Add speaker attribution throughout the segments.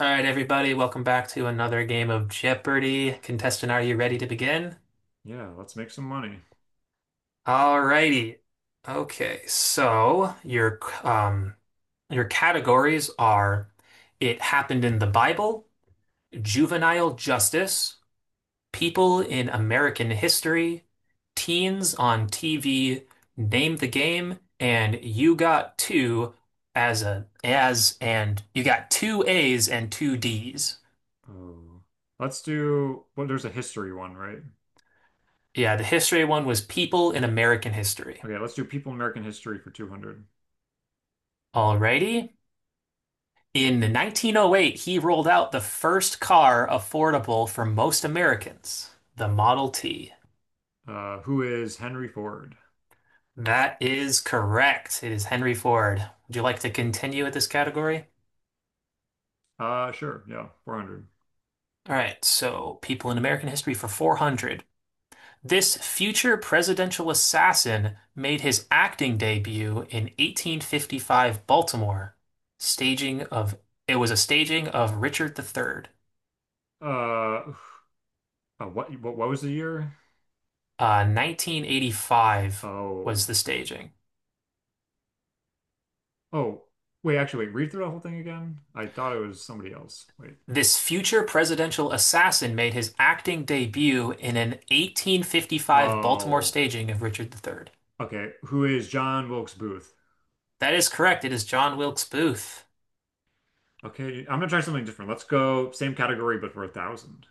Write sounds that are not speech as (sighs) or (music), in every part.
Speaker 1: All right, everybody, welcome back to another game of Jeopardy! Contestant, are you ready to begin?
Speaker 2: Yeah, let's make some money.
Speaker 1: All righty. Okay, so um your categories are It Happened in the Bible, Juvenile Justice, People in American History, Teens on TV, Name the Game, and you got two A's and two D's.
Speaker 2: Oh, let's do. Well, there's a history one, right?
Speaker 1: Yeah, the history one was People in American History.
Speaker 2: Okay, let's do people in American history for 200.
Speaker 1: Alrighty. In 1908, he rolled out the first car affordable for most Americans, the Model T.
Speaker 2: Who is Henry Ford?
Speaker 1: That is correct. It is Henry Ford. Would you like to continue with this category?
Speaker 2: Sure, yeah, 400.
Speaker 1: All right, so People in American History for 400. This future presidential assassin made his acting debut in 1855 Baltimore, staging of it was a staging of Richard the Third.
Speaker 2: Uh, (sighs) uh, what was the year?
Speaker 1: 1985 was
Speaker 2: Oh,
Speaker 1: the staging.
Speaker 2: oh, wait, actually, wait, read through the whole thing again. I thought it was somebody else. Wait.
Speaker 1: This future presidential assassin made his acting debut in an 1855 Baltimore
Speaker 2: Oh,
Speaker 1: staging of Richard the Third.
Speaker 2: okay. Who is John Wilkes Booth?
Speaker 1: That is correct. It is John Wilkes Booth.
Speaker 2: Okay, I'm gonna try something different. Let's go same category, but for a thousand.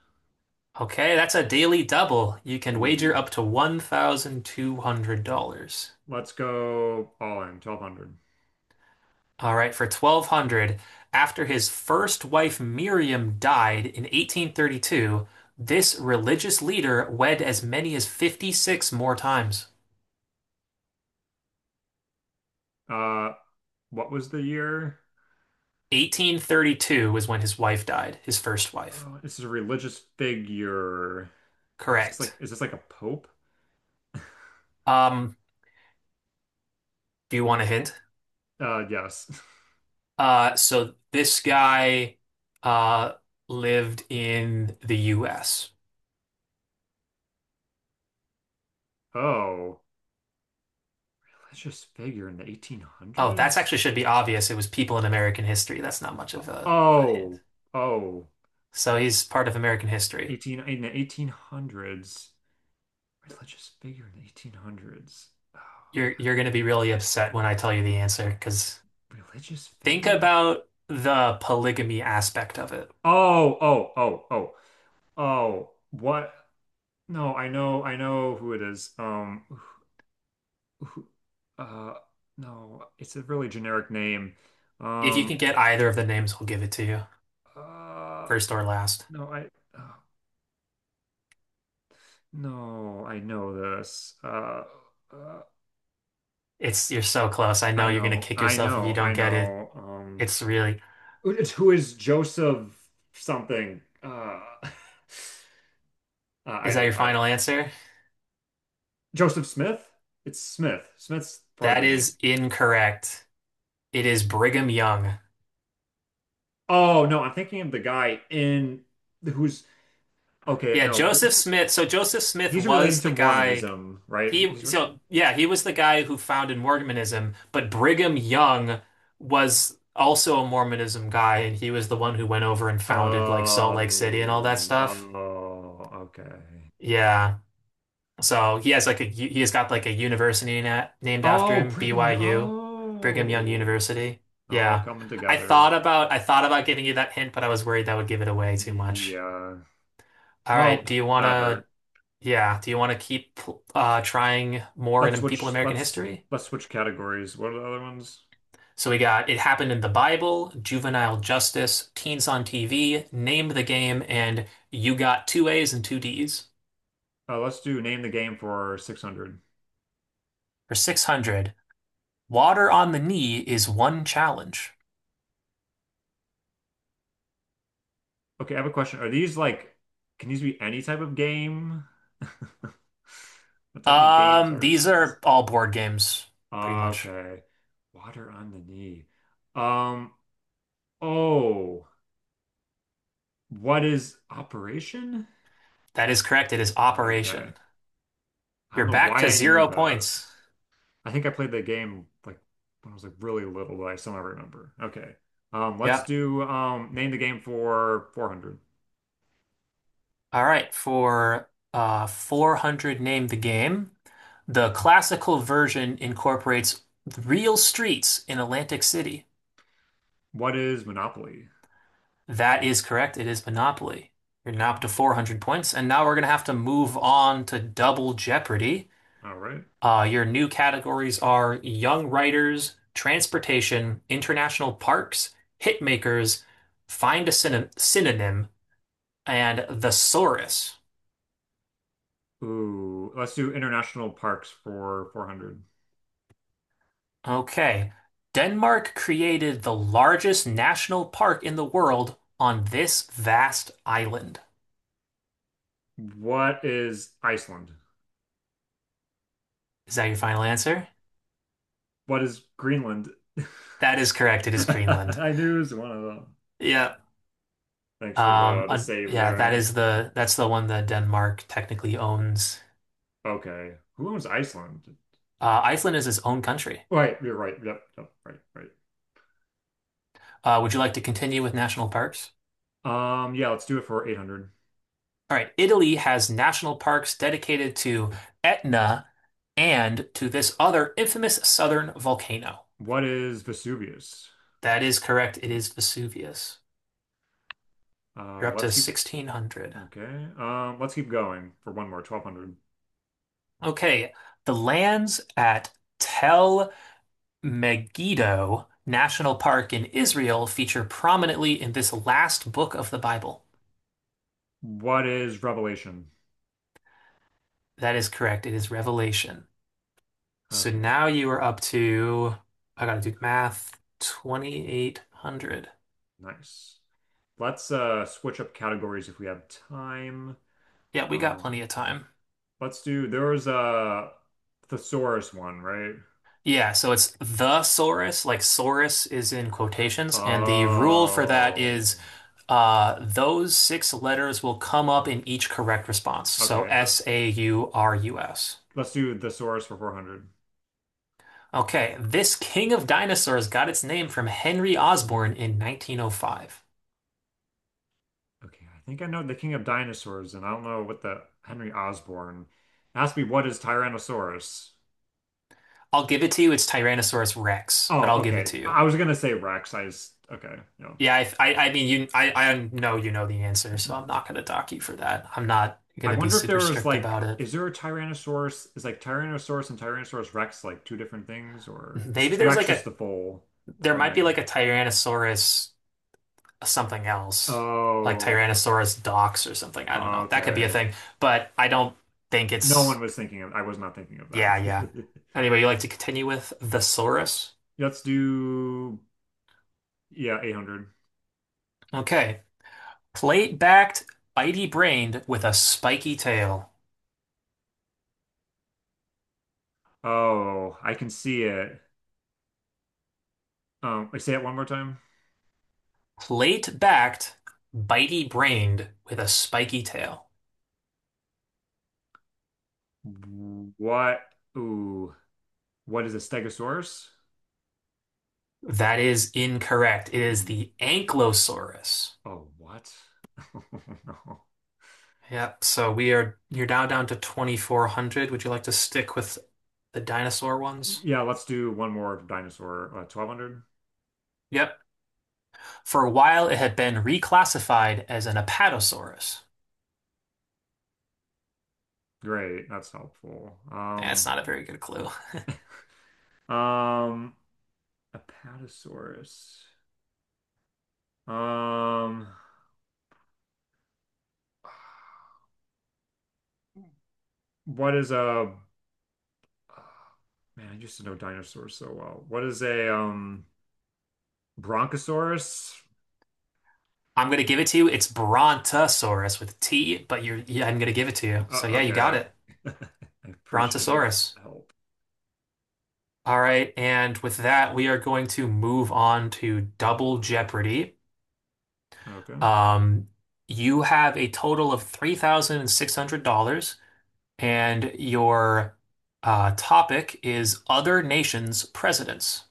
Speaker 1: Okay, that's a daily double. You can wager
Speaker 2: Ooh,
Speaker 1: up to $1,200.
Speaker 2: let's go all in 1200.
Speaker 1: All right, for 1200, after his first wife Miriam died in 1832, this religious leader wed as many as 56 more times.
Speaker 2: Uh, what was the year?
Speaker 1: 1832 was when his wife died, his first wife.
Speaker 2: Oh, this is a religious figure. Is this like
Speaker 1: Correct.
Speaker 2: is this like a pope?
Speaker 1: Um, do you want a hint?
Speaker 2: Yes. (laughs)
Speaker 1: So this guy uh lived in the US.
Speaker 2: Oh, religious figure in the
Speaker 1: Oh, that's
Speaker 2: 1800s?
Speaker 1: actually should be obvious. It was people in American history. That's not much of a hint.
Speaker 2: Oh, oh,
Speaker 1: So he's part of American history.
Speaker 2: 18, in the 1800s. Religious figure in the 1800s. Oh,
Speaker 1: You're gonna be really upset when I tell you the answer, because
Speaker 2: religious
Speaker 1: think
Speaker 2: figure?
Speaker 1: about the polygamy aspect of it.
Speaker 2: Oh, oh, oh, oh, oh. What? No, I know who it is. Who, uh, no, it's a really generic name.
Speaker 1: If you can
Speaker 2: Um,
Speaker 1: get either of the names, we will give it to you,
Speaker 2: uh,
Speaker 1: first or last.
Speaker 2: no, uh, no, I know this. Uh,
Speaker 1: It's you're so close. I know
Speaker 2: I
Speaker 1: you're gonna
Speaker 2: know,
Speaker 1: kick
Speaker 2: I
Speaker 1: yourself if you
Speaker 2: know,
Speaker 1: don't
Speaker 2: I
Speaker 1: get it.
Speaker 2: know.
Speaker 1: It's really,
Speaker 2: Who is Joseph something? (laughs)
Speaker 1: is that
Speaker 2: I,
Speaker 1: your
Speaker 2: I,
Speaker 1: final answer?
Speaker 2: Joseph Smith? It's Smith. Smith's part of
Speaker 1: That
Speaker 2: the name.
Speaker 1: is incorrect. It is Brigham Young.
Speaker 2: Oh no, I'm thinking of the guy in who's okay.
Speaker 1: Yeah,
Speaker 2: No,
Speaker 1: Joseph Smith. So Joseph Smith
Speaker 2: he's relating
Speaker 1: was
Speaker 2: to
Speaker 1: the guy,
Speaker 2: Mormonism, right?
Speaker 1: he
Speaker 2: He's.
Speaker 1: so yeah, he was the guy who founded Mormonism, but Brigham Young was also a Mormonism guy, and he was the one who went over and founded like Salt Lake City and all that stuff.
Speaker 2: Oh, okay.
Speaker 1: Yeah. So he has like a he has got like a university na named after
Speaker 2: Oh,
Speaker 1: him,
Speaker 2: Brigham Young.
Speaker 1: BYU, Brigham Young
Speaker 2: Oh,
Speaker 1: University.
Speaker 2: all
Speaker 1: Yeah.
Speaker 2: coming together.
Speaker 1: I thought about giving you that hint, but I was worried that would give it away too much.
Speaker 2: Yeah.
Speaker 1: All right,
Speaker 2: Nope,
Speaker 1: do you want
Speaker 2: that hurt.
Speaker 1: to yeah, do you want to keep trying more
Speaker 2: Let's
Speaker 1: in people in
Speaker 2: switch.
Speaker 1: American
Speaker 2: Let's
Speaker 1: history?
Speaker 2: let's switch categories. What are the other ones?
Speaker 1: So we got It Happened in the Bible, Juvenile Justice, Teens on TV, Name the Game, and You Got Two A's and Two D's.
Speaker 2: Let's do name the game for 600.
Speaker 1: For 600, Water on the Knee is one challenge.
Speaker 2: Okay, I have a question. Are these like, can these be any type of game? (laughs) What type of games are
Speaker 1: These
Speaker 2: these?
Speaker 1: are all board games, pretty much.
Speaker 2: Okay. Water on the knee. Um, oh. What is Operation?
Speaker 1: That is correct. It is
Speaker 2: Okay.
Speaker 1: Operation.
Speaker 2: I
Speaker 1: You're
Speaker 2: don't know
Speaker 1: back
Speaker 2: why
Speaker 1: to
Speaker 2: I knew
Speaker 1: zero
Speaker 2: that.
Speaker 1: points.
Speaker 2: I think I played the game like when I was like really little, but I somehow remember. Okay. Let's
Speaker 1: Yep.
Speaker 2: do name the game for 400.
Speaker 1: All right. For 400 Name the Game, the classical version incorporates real streets in Atlantic City.
Speaker 2: What is Monopoly?
Speaker 1: That is correct. It is Monopoly. You're now up to 400 points. And now we're going to have to move on to Double Jeopardy.
Speaker 2: All right.
Speaker 1: Your new categories are young writers, transportation, international parks, hit makers, find a synonym, and thesaurus.
Speaker 2: Ooh, let's do international parks for 400.
Speaker 1: Okay. Denmark created the largest national park in the world on this vast island.
Speaker 2: What is Iceland?
Speaker 1: Is that your final answer?
Speaker 2: What is Greenland?
Speaker 1: That is correct. It
Speaker 2: (laughs)
Speaker 1: is Greenland.
Speaker 2: I knew it was one of them.
Speaker 1: Yeah.
Speaker 2: Thanks for the save
Speaker 1: Yeah, that
Speaker 2: there.
Speaker 1: is the that's the one that Denmark technically owns.
Speaker 2: Okay. Who owns Iceland?
Speaker 1: Iceland is its own country.
Speaker 2: Right, you're right. Yep, yep, right,
Speaker 1: Would you like to continue with national parks?
Speaker 2: right. Yeah, let's do it for 800.
Speaker 1: All right, Italy has national parks dedicated to Etna and to this other infamous southern volcano.
Speaker 2: What is Vesuvius?
Speaker 1: That is correct. It is Vesuvius. You're up to
Speaker 2: Let's keep
Speaker 1: 1600.
Speaker 2: okay. Let's keep going for one more, 1200.
Speaker 1: Okay, the lands at Tel Megiddo National Park in Israel feature prominently in this last book of the Bible.
Speaker 2: What is Revelation?
Speaker 1: That is correct. It is Revelation. So
Speaker 2: Okay,
Speaker 1: now you are up to, I gotta do math, 2,800.
Speaker 2: nice. Let's switch up categories if we have time.
Speaker 1: Yeah, we got
Speaker 2: Um,
Speaker 1: plenty of time.
Speaker 2: let's do there was a thesaurus one, right?
Speaker 1: Yeah, so it's the Saurus, like Saurus is in quotations, and the rule for that is
Speaker 2: Oh,
Speaker 1: those six letters will come up in each correct response. So
Speaker 2: okay.
Speaker 1: S
Speaker 2: Let's
Speaker 1: A U R U S.
Speaker 2: let's do thesaurus for 400.
Speaker 1: Okay, this king of dinosaurs got its name from Henry Osborn in 1905.
Speaker 2: Okay, I think I know the King of Dinosaurs, and I don't know what the Henry Osborn. Ask me what is Tyrannosaurus?
Speaker 1: I'll give it to you, it's Tyrannosaurus Rex, but
Speaker 2: Oh,
Speaker 1: I'll give it
Speaker 2: okay.
Speaker 1: to you.
Speaker 2: I was gonna say Rex. I just okay, no.
Speaker 1: Yeah, I mean, I know you know the answer, so I'm
Speaker 2: (laughs)
Speaker 1: not gonna dock you for that. I'm not
Speaker 2: I
Speaker 1: gonna be
Speaker 2: wonder if
Speaker 1: super
Speaker 2: there was
Speaker 1: strict about
Speaker 2: like,
Speaker 1: it.
Speaker 2: is there a Tyrannosaurus? Is like Tyrannosaurus and Tyrannosaurus Rex like two different things, or
Speaker 1: Maybe
Speaker 2: is
Speaker 1: there's
Speaker 2: Rex
Speaker 1: like a,
Speaker 2: just the full the
Speaker 1: There
Speaker 2: full
Speaker 1: might be like
Speaker 2: name?
Speaker 1: a Tyrannosaurus something else, like
Speaker 2: Oh,
Speaker 1: Tyrannosaurus dox or something. I don't know. That could be a
Speaker 2: okay.
Speaker 1: thing, but I don't think
Speaker 2: No
Speaker 1: it's.
Speaker 2: one was thinking of. I was not thinking of
Speaker 1: Yeah, yeah.
Speaker 2: that.
Speaker 1: Anyway, you like to continue with the Saurus?
Speaker 2: (laughs) Let's do yeah, 800.
Speaker 1: Okay, plate-backed, bitey-brained with a spiky tail.
Speaker 2: Oh, I can see it. Say it one more time.
Speaker 1: Plate-backed, bitey-brained with a spiky tail.
Speaker 2: What? Ooh, what is a stegosaurus?
Speaker 1: That is incorrect. It is
Speaker 2: Mm,
Speaker 1: the Ankylosaurus.
Speaker 2: oh, what? (laughs) Oh, no.
Speaker 1: Yep. So we are You're now down to 2400. Would you like to stick with the dinosaur ones?
Speaker 2: Yeah, let's do one more dinosaur. 1200.
Speaker 1: Yep. For a while, it had been reclassified as an Apatosaurus.
Speaker 2: Great, that's helpful.
Speaker 1: Eh, that's not a very good clue.
Speaker 2: Um, Apatosaurus. Um, what is a man? I used to know dinosaurs so well. What is a Bronchosaurus?
Speaker 1: I'm gonna give it to you. It's Brontosaurus with a T, but you're yeah, I'm gonna give it to you. So yeah, you got
Speaker 2: Okay,
Speaker 1: it.
Speaker 2: (laughs) I appreciate
Speaker 1: Brontosaurus.
Speaker 2: help.
Speaker 1: All right, and with that, we are going to move on to Double Jeopardy.
Speaker 2: Okay.
Speaker 1: Um, you have a total of $3,600, and your topic is other nations' presidents.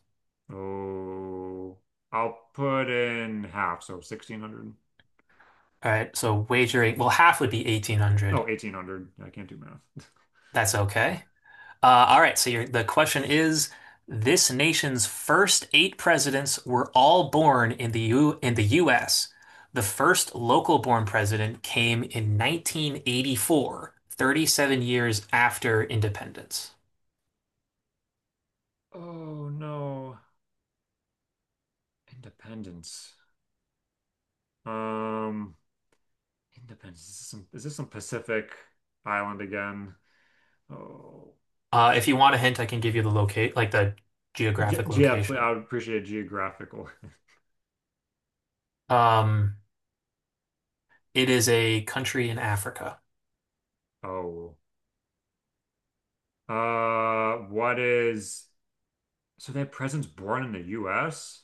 Speaker 2: Oh, I'll put in half, so 1600.
Speaker 1: All right, so wagering, well, half would be 1800.
Speaker 2: Oh, 1800. I can't do math. (laughs)
Speaker 1: That's okay. All right, so the question is, this nation's first eight presidents were all born in the in the US. The first local-born president came in 1984, 37 years after independence.
Speaker 2: Oh no. Independence. Um, Independence. Is this some Pacific island again? Oh,
Speaker 1: If you want a hint, I can give you like the geographic
Speaker 2: Yeah, I
Speaker 1: location.
Speaker 2: would appreciate a geographical. (laughs)
Speaker 1: Um, it is a country in Africa.
Speaker 2: Oh, what is, so that president's born in the U.S.?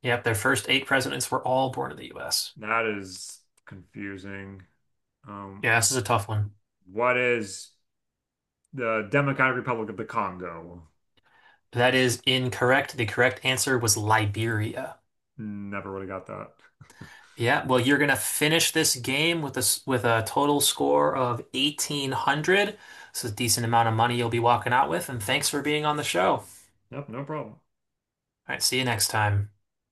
Speaker 1: Yep, their first eight presidents were all born in the U.S.
Speaker 2: That is confusing. Um,
Speaker 1: Yeah, this is a tough one.
Speaker 2: what is the Democratic Republic of the Congo.
Speaker 1: That is incorrect. The correct answer was Liberia.
Speaker 2: Never would have got that. (laughs)
Speaker 1: Yeah, well, you're gonna finish this game with a with a total score of 1800. It's a decent amount of money you'll be walking out with, and thanks for being on the show. All
Speaker 2: Yep, no problem.
Speaker 1: right, see you next time.